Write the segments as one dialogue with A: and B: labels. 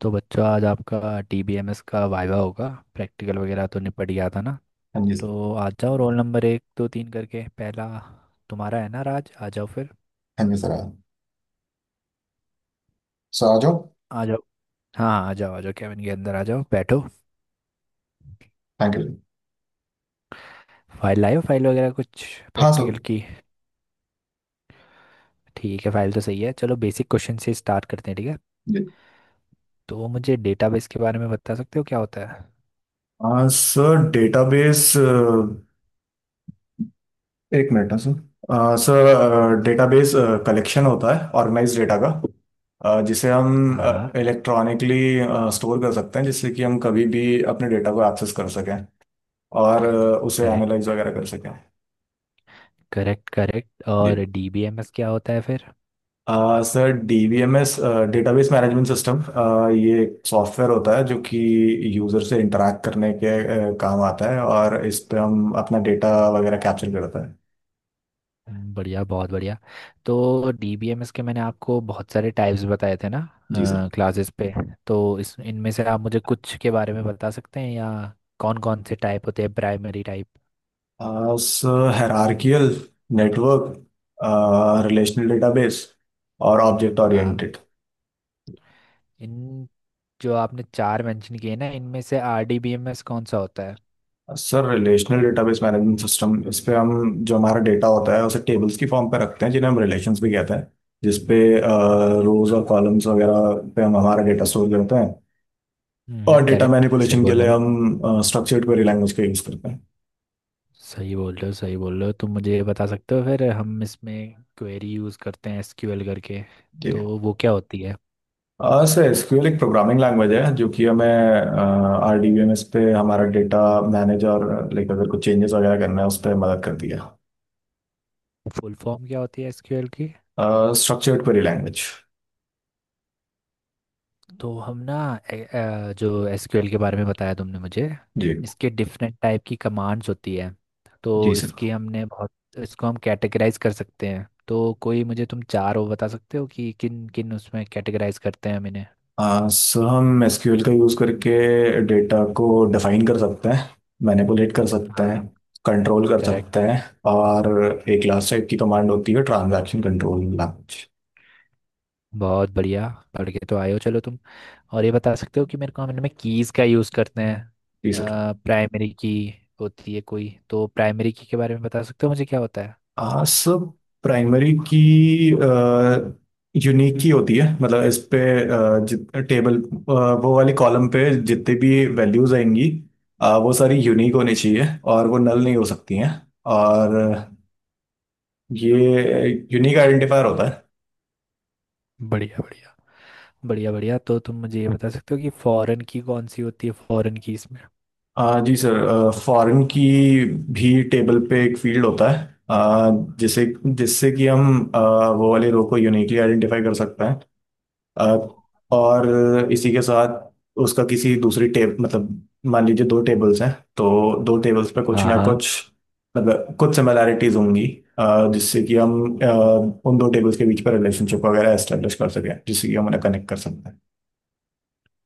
A: तो बच्चों, आज आपका टीबीएमएस का वाइवा होगा। प्रैक्टिकल वगैरह तो निपट गया था ना।
B: हाँ जी सर,
A: तो आ जाओ, रोल नंबर एक दो तीन करके पहला तुम्हारा है ना राज, आ जाओ फिर।
B: हाँ जी सर, हाँ। सर आ जाओ।
A: आ जाओ। हाँ, आ जाओ आ जाओ, कैबिन के अंदर आ जाओ, बैठो।
B: Thank you sir.
A: फाइल लाओ, फाइल वगैरह कुछ
B: हाँ सर।
A: प्रैक्टिकल की। ठीक है, फाइल तो सही है। चलो बेसिक क्वेश्चन से स्टार्ट करते हैं, ठीक है।
B: जी।
A: तो मुझे डेटाबेस के बारे में बता सकते हो, क्या होता है?
B: सर डेटाबेस, एक मिनट ना सर। सर डेटाबेस कलेक्शन होता है ऑर्गेनाइज डेटा का, जिसे हम
A: हाँ हाँ।
B: इलेक्ट्रॉनिकली स्टोर कर सकते हैं जिससे कि हम कभी भी अपने डेटा को एक्सेस कर सकें और उसे एनालाइज
A: करेक्ट।
B: वगैरह कर सकें।
A: करेक्ट करेक्ट,
B: जी।
A: और डीबीएमएस क्या होता है फिर?
B: Sir DBMS database management system, ये एक सॉफ्टवेयर होता है जो कि यूज़र से इंटरैक्ट करने के काम आता है और इस पे हम अपना डेटा वगैरह कैप्चर करता है।
A: बढ़िया, बहुत बढ़िया। तो डीबीएमएस के मैंने आपको बहुत सारे टाइप्स बताए थे ना
B: जी सर।
A: क्लासेस पे, तो इस इनमें से आप मुझे कुछ के बारे में बता सकते हैं, या कौन कौन से टाइप होते हैं प्राइमरी टाइप?
B: आ, उस हायरार्कियल, नेटवर्क, रिलेशनल डेटाबेस और ऑब्जेक्ट
A: हाँ।
B: ओरिएंटेड।
A: इन, जो आपने चार मेंशन किए ना, इनमें से आरडीबीएमएस कौन सा होता है?
B: Sir relational database management system. इस पे हम जो हमारा डेटा होता है उसे टेबल्स की फॉर्म पे रखते हैं जिन्हें हम रिलेशंस भी कहते हैं। जिसपे रोज और कॉलम्स वगैरह पे हम हमारा डेटा स्टोर करते हैं। और
A: हम्म,
B: डेटा
A: करेक्ट, सही
B: मैनिपुलेशन के
A: बोल
B: लिए
A: रहे हो।
B: हम स्ट्रक्चर्ड क्वेरी लैंग्वेज का यूज़ करते हैं।
A: सही बोल रहे हो सही बोल रहे हो। तुम मुझे ये बता सकते हो फिर, हम इसमें क्वेरी यूज़ करते हैं एसक्यूएल करके, तो
B: ठीक
A: वो क्या होती है?
B: है, सर SQL एक प्रोग्रामिंग लैंग्वेज है जो कि हमें RDBMS पे हमारा डेटा मैनेज और, लाइक, अगर कुछ चेंजेस वगैरह करना है उस पर मदद करती है।
A: फुल फॉर्म क्या होती है एसक्यूएल?
B: Structured query language.
A: तो हम ना जो एसक्यूएल के बारे में बताया तुमने मुझे,
B: जी,
A: इसके डिफरेंट टाइप की कमांड्स होती है। तो
B: जी सर।
A: इसकी हमने बहुत, इसको हम कैटेगराइज कर सकते हैं, तो कोई मुझे तुम चार वो बता सकते हो कि किन किन उसमें कैटेगराइज करते हैं हम इन्हें?
B: सर हम SQL का यूज़ करके डेटा को डिफाइन कर सकते हैं, मैनिपुलेट कर सकते हैं,
A: हाँ।
B: कंट्रोल कर
A: करेक्ट।
B: सकते हैं और एक लास्ट टाइप की कमांड होती है ट्रांजैक्शन कंट्रोल लैंग्वेज।
A: बहुत बढ़िया, पढ़ के तो आए हो चलो तुम। और ये बता सकते हो कि मेरे को, हम इनमें कीज़ का यूज़ करते
B: जी सर।
A: हैं। प्राइमरी की होती है कोई, तो प्राइमरी की के बारे में बता सकते हो मुझे क्या होता है?
B: सब प्राइमरी की यूनिक की होती है, मतलब इस पे आ, जित टेबल आ, वो वाली कॉलम पे जितनी भी वैल्यूज आएंगी, वो सारी यूनिक होनी चाहिए और वो नल नहीं हो सकती हैं, और ये यूनिक आइडेंटिफायर होता है।
A: बढ़िया बढ़िया। बढ़िया बढ़िया, तो तुम मुझे ये बता सकते हो कि फॉरेन की कौन सी होती है, फॉरेन की इसमें?
B: जी सर फॉरेन की भी टेबल पे एक फील्ड होता है, आ, जिसे जिससे कि हम वो वाले रो को यूनिकली आइडेंटिफाई कर सकते हैं। अ, और इसी के साथ उसका किसी दूसरी टेब, मतलब, मान लीजिए दो टेबल्स हैं, तो दो टेबल्स पे कुछ
A: हाँ
B: ना
A: हाँ।
B: कुछ, मतलब कुछ सिमिलैरिटीज होंगी, जिससे कि हम अ, उन दो टेबल्स के बीच पर रिलेशनशिप वगैरह एस्टेब्लिश कर सकें जिससे कि हम उन्हें कनेक्ट कर सकते हैं।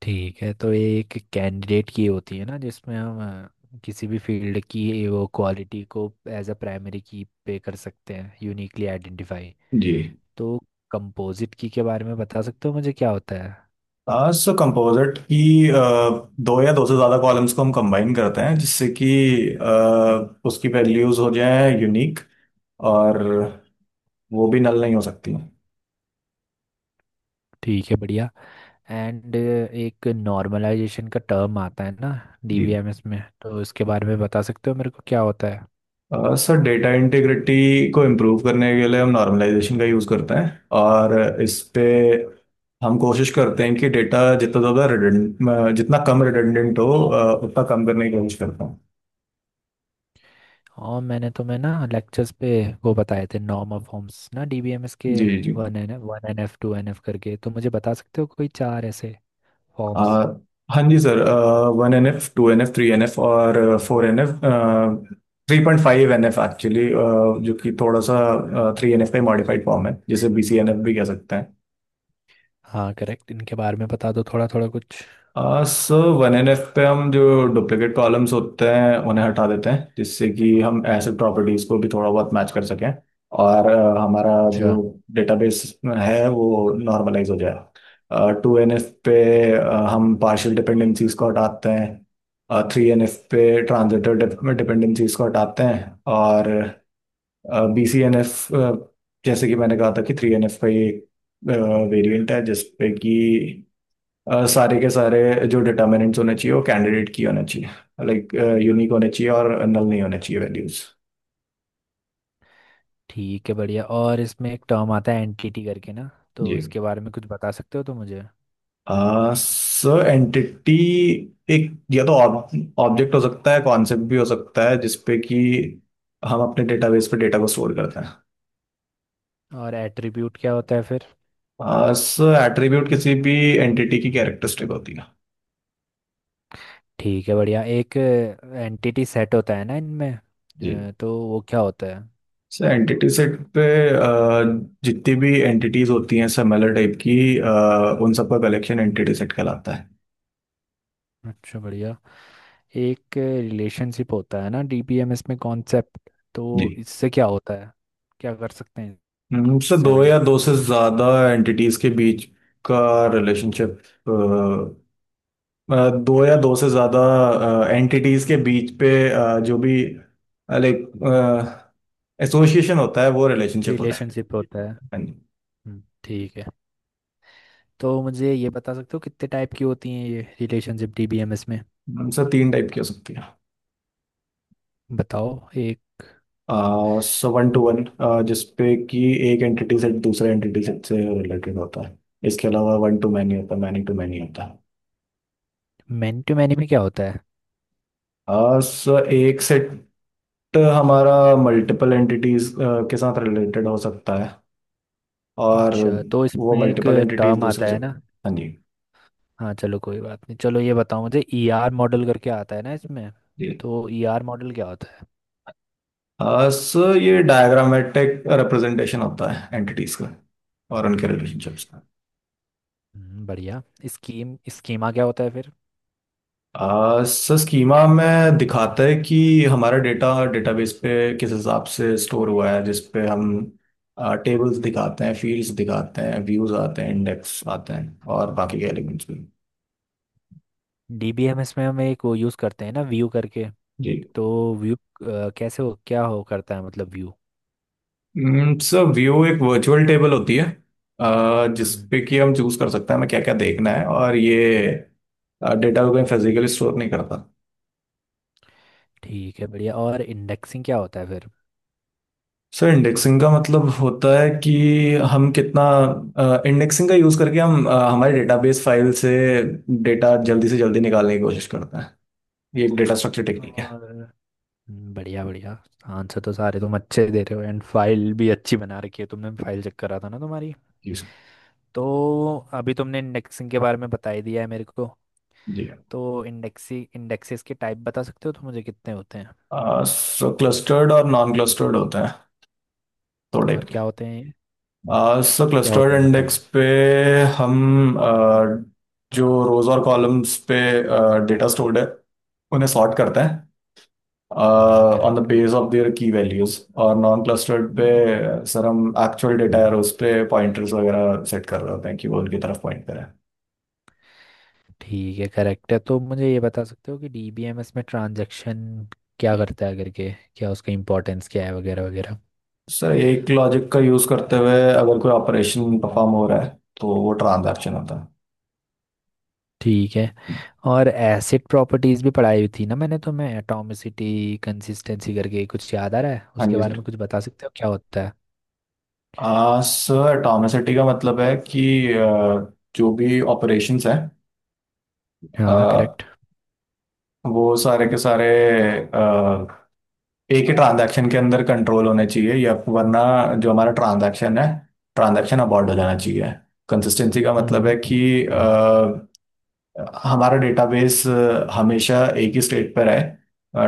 A: ठीक है, तो ये एक कैंडिडेट की होती है ना, जिसमें हम किसी भी फील्ड की ये वो क्वालिटी को एज अ प्राइमरी की पे कर सकते हैं, यूनिकली आइडेंटिफाई।
B: जी।
A: तो कंपोजिट की के बारे में बता सकते हो मुझे, क्या होता है?
B: सो कंपोजिट की, अ, दो या दो से ज़्यादा कॉलम्स को हम कंबाइन करते हैं जिससे कि उसकी वैल्यूज हो जाए यूनिक, और वो भी नल नहीं हो सकती।
A: ठीक है, बढ़िया। एंड एक नॉर्मलाइजेशन का टर्म आता है ना डीबीएमएस में, तो इसके बारे में बता सकते हो मेरे को क्या होता है?
B: सर डेटा इंटीग्रिटी को इम्प्रूव करने के लिए हम नॉर्मलाइजेशन का यूज़ करते हैं और इस पे हम कोशिश करते हैं कि डेटा जितना कम रिडंडेंट हो, उतना कम करने की कोशिश करता हूँ।
A: और मैंने तुम्हें ना लेक्चर्स पे वो बताए थे नॉर्म ऑफ फॉर्म्स ना डीबीएमएस के,
B: जी, जी, जी।
A: One N F, one N F two N F करके, तो मुझे बता सकते हो कोई चार ऐसे
B: अ,
A: फॉर्म्स?
B: हाँ जी सर। 1NF, 2NF, 3NF और 4NF। 3.5NF एक्चुअली, जो कि थोड़ा सा 3NF का मॉडिफाइड फॉर्म है, जिसे BCNF भी कह सकते हैं।
A: हाँ, करेक्ट। इनके बारे में बता दो थोड़ा थोड़ा कुछ।
B: सो 1NF पे हम जो डुप्लीकेट कॉलम्स होते हैं उन्हें हटा देते हैं जिससे कि हम एसिड प्रॉपर्टीज को भी थोड़ा बहुत मैच कर सकें और हमारा जो
A: अच्छा।
B: डेटाबेस है वो नॉर्मलाइज हो जाए। 2NF पे हम पार्शियल डिपेंडेंसीज को हटाते हैं, 3NF पे ट्रांजिटिव डिपेंडेंसीज को हटाते हैं, और BCNF, जैसे कि मैंने कहा था कि 3NF का ये वेरिएंट है, जिसपे कि सारे के सारे जो डिटर्मिनेंट्स होने चाहिए वो कैंडिडेट की होने चाहिए, लाइक यूनिक होने चाहिए और नल नहीं होने चाहिए वैल्यूज।
A: ठीक है, बढ़िया। और इसमें एक टर्म आता है एंटिटी करके ना,
B: जी
A: तो इसके बारे में कुछ बता सकते हो तो मुझे?
B: सर एंटिटी एक या तो ऑब्जेक्ट हो सकता है, कॉन्सेप्ट भी हो सकता है, जिसपे कि हम अपने डेटाबेस पे डेटा को स्टोर करते
A: और एट्रीब्यूट क्या होता है फिर?
B: हैं। सर एट्रीब्यूट किसी भी एंटिटी की कैरेक्टरिस्टिक होती है।
A: ठीक है बढ़िया। एक एंटिटी सेट होता है ना इनमें,
B: जी
A: तो वो क्या होता है?
B: सर एंटिटी सेट पे अ, जितनी भी एंटिटीज होती हैं सिमिलर टाइप की, उन सबका कलेक्शन एंटिटी सेट कहलाता है।
A: अच्छा, बढ़िया। एक रिलेशनशिप होता है ना डीबीएमएस में कॉन्सेप्ट, तो
B: जी।
A: इससे क्या होता है, क्या कर सकते हैं
B: से
A: इससे
B: दो
A: हम?
B: या दो से ज्यादा एंटिटीज के बीच का रिलेशनशिप। दो या दो से ज्यादा एंटिटीज के बीच पे जो भी, लाइक, एसोसिएशन होता है वो रिलेशनशिप होता है।
A: रिलेशनशिप होता है।
B: हाँ जी।
A: ठीक है। तो मुझे ये बता सकते हो कितने टाइप की होती हैं ये रिलेशनशिप डीबीएमएस में?
B: सर तीन टाइप की हो सकती है।
A: बताओ एक।
B: सो वन टू वन, जिसपे कि एक एंटिटी से दूसरे एंटिटी से रिलेटेड होता है। इसके अलावा वन टू मैनी होता है, मैनी टू मैनी होता है।
A: मैन टू मैन में क्या होता है?
B: एक सेट हमारा मल्टीपल एंटिटीज के साथ रिलेटेड हो सकता है, और
A: अच्छा, तो
B: वो
A: इसमें एक
B: मल्टीपल एंटिटीज
A: टर्म
B: दूसरे
A: आता
B: से।
A: है ना।
B: हाँ जी।
A: हाँ, चलो कोई बात नहीं। चलो ये बताओ मुझे, ईआर मॉडल करके आता है ना इसमें,
B: जी।
A: तो ईआर मॉडल क्या होता है?
B: आ, स ये डायग्रामेटिक रिप्रेजेंटेशन होता है एंटिटीज का और उनके रिलेशनशिप्स का।
A: बढ़िया। स्कीम, स्कीमा क्या होता है फिर?
B: आ, स स्कीमा में दिखाता है कि हमारा डेटा डेटाबेस पे किस हिसाब से स्टोर हुआ है, जिस पे हम टेबल्स दिखाते हैं, फील्ड्स दिखाते हैं, व्यूज आते हैं, इंडेक्स आते हैं और बाकी के एलिमेंट्स भी।
A: डीबीएमएस में हम एक वो यूज़ करते हैं ना, व्यू करके,
B: जी।
A: तो व्यू कैसे हो, क्या हो करता है, मतलब व्यू?
B: सर व्यू एक वर्चुअल टेबल होती है,
A: हम्म।
B: जिसपे कि हम चूज कर सकते हैं हमें क्या क्या देखना है, और ये डेटा को कहीं फिजिकली स्टोर नहीं करता।
A: ठीक है, बढ़िया। और इंडेक्सिंग क्या होता है फिर?
B: सर इंडेक्सिंग का मतलब होता है कि हम कितना इंडेक्सिंग का यूज करके हम हमारे डेटाबेस फाइल से डेटा जल्दी से जल्दी निकालने की कोशिश करते हैं। ये एक डेटा स्ट्रक्चर टेक्निक है।
A: और, बढ़िया बढ़िया। आंसर तो सारे तुम अच्छे दे रहे हो, एंड फाइल भी अच्छी बना रखी है तुमने, फाइल चेक करा था ना तुम्हारी।
B: जी सर,
A: तो अभी तुमने इंडेक्सिंग के बारे में बता ही दिया है मेरे को,
B: जी
A: तो इंडेक्सी इंडेक्सेस के टाइप बता सकते हो तो मुझे, कितने होते हैं
B: सर क्लस्टर्ड और नॉन क्लस्टर्ड होते हैं। थोड़े
A: और क्या होते हैं ये?
B: सो
A: क्या
B: क्लस्टर्ड
A: होते हैं,
B: इंडेक्स
A: बताना।
B: पे हम जो रोज और कॉलम्स पे डेटा स्टोर्ड है उन्हें सॉर्ट करते हैं
A: हाँ,
B: on the
A: correct.
B: Base of their की वैल्यूज, और नॉन क्लस्टर्ड पे सर हम एक्चुअल डेटा है उस पे पॉइंटर्स वगैरह सेट कर रहे होते हैं कि वो उनकी तरफ पॉइंट करें।
A: ठीक है, करेक्ट है। तो मुझे ये बता सकते हो कि डीबीएमएस में ट्रांजैक्शन क्या करता है करके, क्या उसका इंपॉर्टेंस क्या है वगैरह वगैरह?
B: सर एक लॉजिक का यूज करते हुए अगर कोई ऑपरेशन परफॉर्म हो रहा है तो वो ट्रांजैक्शन होता है।
A: ठीक है। और एसिड प्रॉपर्टीज भी पढ़ाई हुई थी ना मैंने, तो मैं एटॉमिसिटी, कंसिस्टेंसी करके कुछ याद आ रहा है,
B: हाँ
A: उसके
B: जी
A: बारे में
B: सर।
A: कुछ बता सकते हो क्या होता है?
B: सर एटॉमिसिटी का मतलब है कि जो भी ऑपरेशंस
A: हाँ, करेक्ट।
B: हैं वो सारे के सारे अ, एक ही ट्रांजैक्शन के अंदर कंट्रोल होने चाहिए, या वरना जो हमारा ट्रांजैक्शन है, ट्रांजैक्शन अबॉर्ड हो जाना चाहिए। कंसिस्टेंसी का मतलब है
A: हम्म।
B: कि अ, हमारा डेटाबेस हमेशा एक ही स्टेट पर है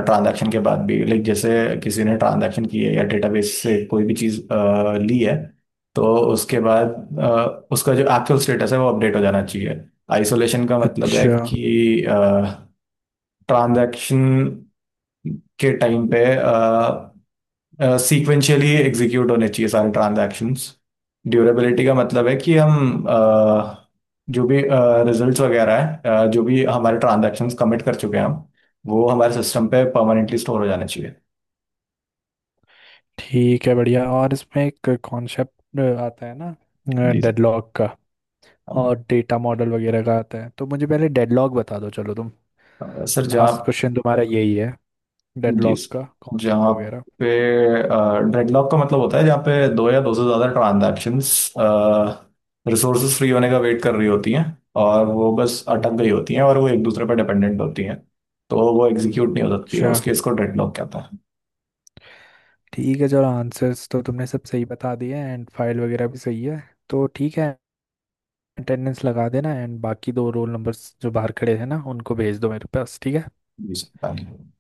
B: ट्रांजैक्शन के बाद भी, लाइक जैसे किसी ने ट्रांजैक्शन की है या डेटाबेस से कोई भी चीज़ ली है, तो उसके बाद उसका जो एक्चुअल स्टेटस है वो अपडेट हो जाना चाहिए। आइसोलेशन का मतलब है
A: अच्छा।
B: कि ट्रांजैक्शन के टाइम पे सीक्वेंशियली एग्जीक्यूट होने चाहिए सारे ट्रांजैक्शंस। ड्यूरेबिलिटी का मतलब है कि हम जो भी रिजल्ट्स वगैरह है, जो भी हमारे ट्रांजैक्शंस कमिट कर चुके हैं, हम वो हमारे सिस्टम पे परमानेंटली स्टोर हो जाना चाहिए।
A: ठीक है, बढ़िया। और इसमें एक कॉन्सेप्ट आता है ना
B: जी
A: डेडलॉक का, और डेटा मॉडल वगैरह का आता है, तो मुझे पहले डेडलॉक बता दो चलो तुम।
B: सर, जहाँ
A: लास्ट क्वेश्चन तुम्हारा यही है,
B: जी।
A: डेडलॉक का कॉन्सेप्ट
B: जहाँ
A: वगैरह।
B: पे डेडलॉक का मतलब होता है जहाँ पे दो या दो से ज्यादा ट्रांजैक्शंस रिसोर्सेज फ्री होने का वेट कर रही होती हैं, और वो बस अटक गई
A: हम्म।
B: होती हैं और वो एक दूसरे पर डिपेंडेंट होती हैं, तो वो एग्जीक्यूट नहीं हो सकती है।
A: अच्छा।
B: उस केस को डेडलॉक कहते हैं।
A: ठीक है, चलो आंसर्स तो तुमने सब सही बता दिए हैं एंड फाइल वगैरह भी सही है। तो ठीक है, अटेंडेंस लगा देना एंड बाकी दो रोल नंबर्स जो बाहर खड़े हैं ना उनको भेज दो मेरे पास, ठीक है।
B: जी सर, धन्यवाद।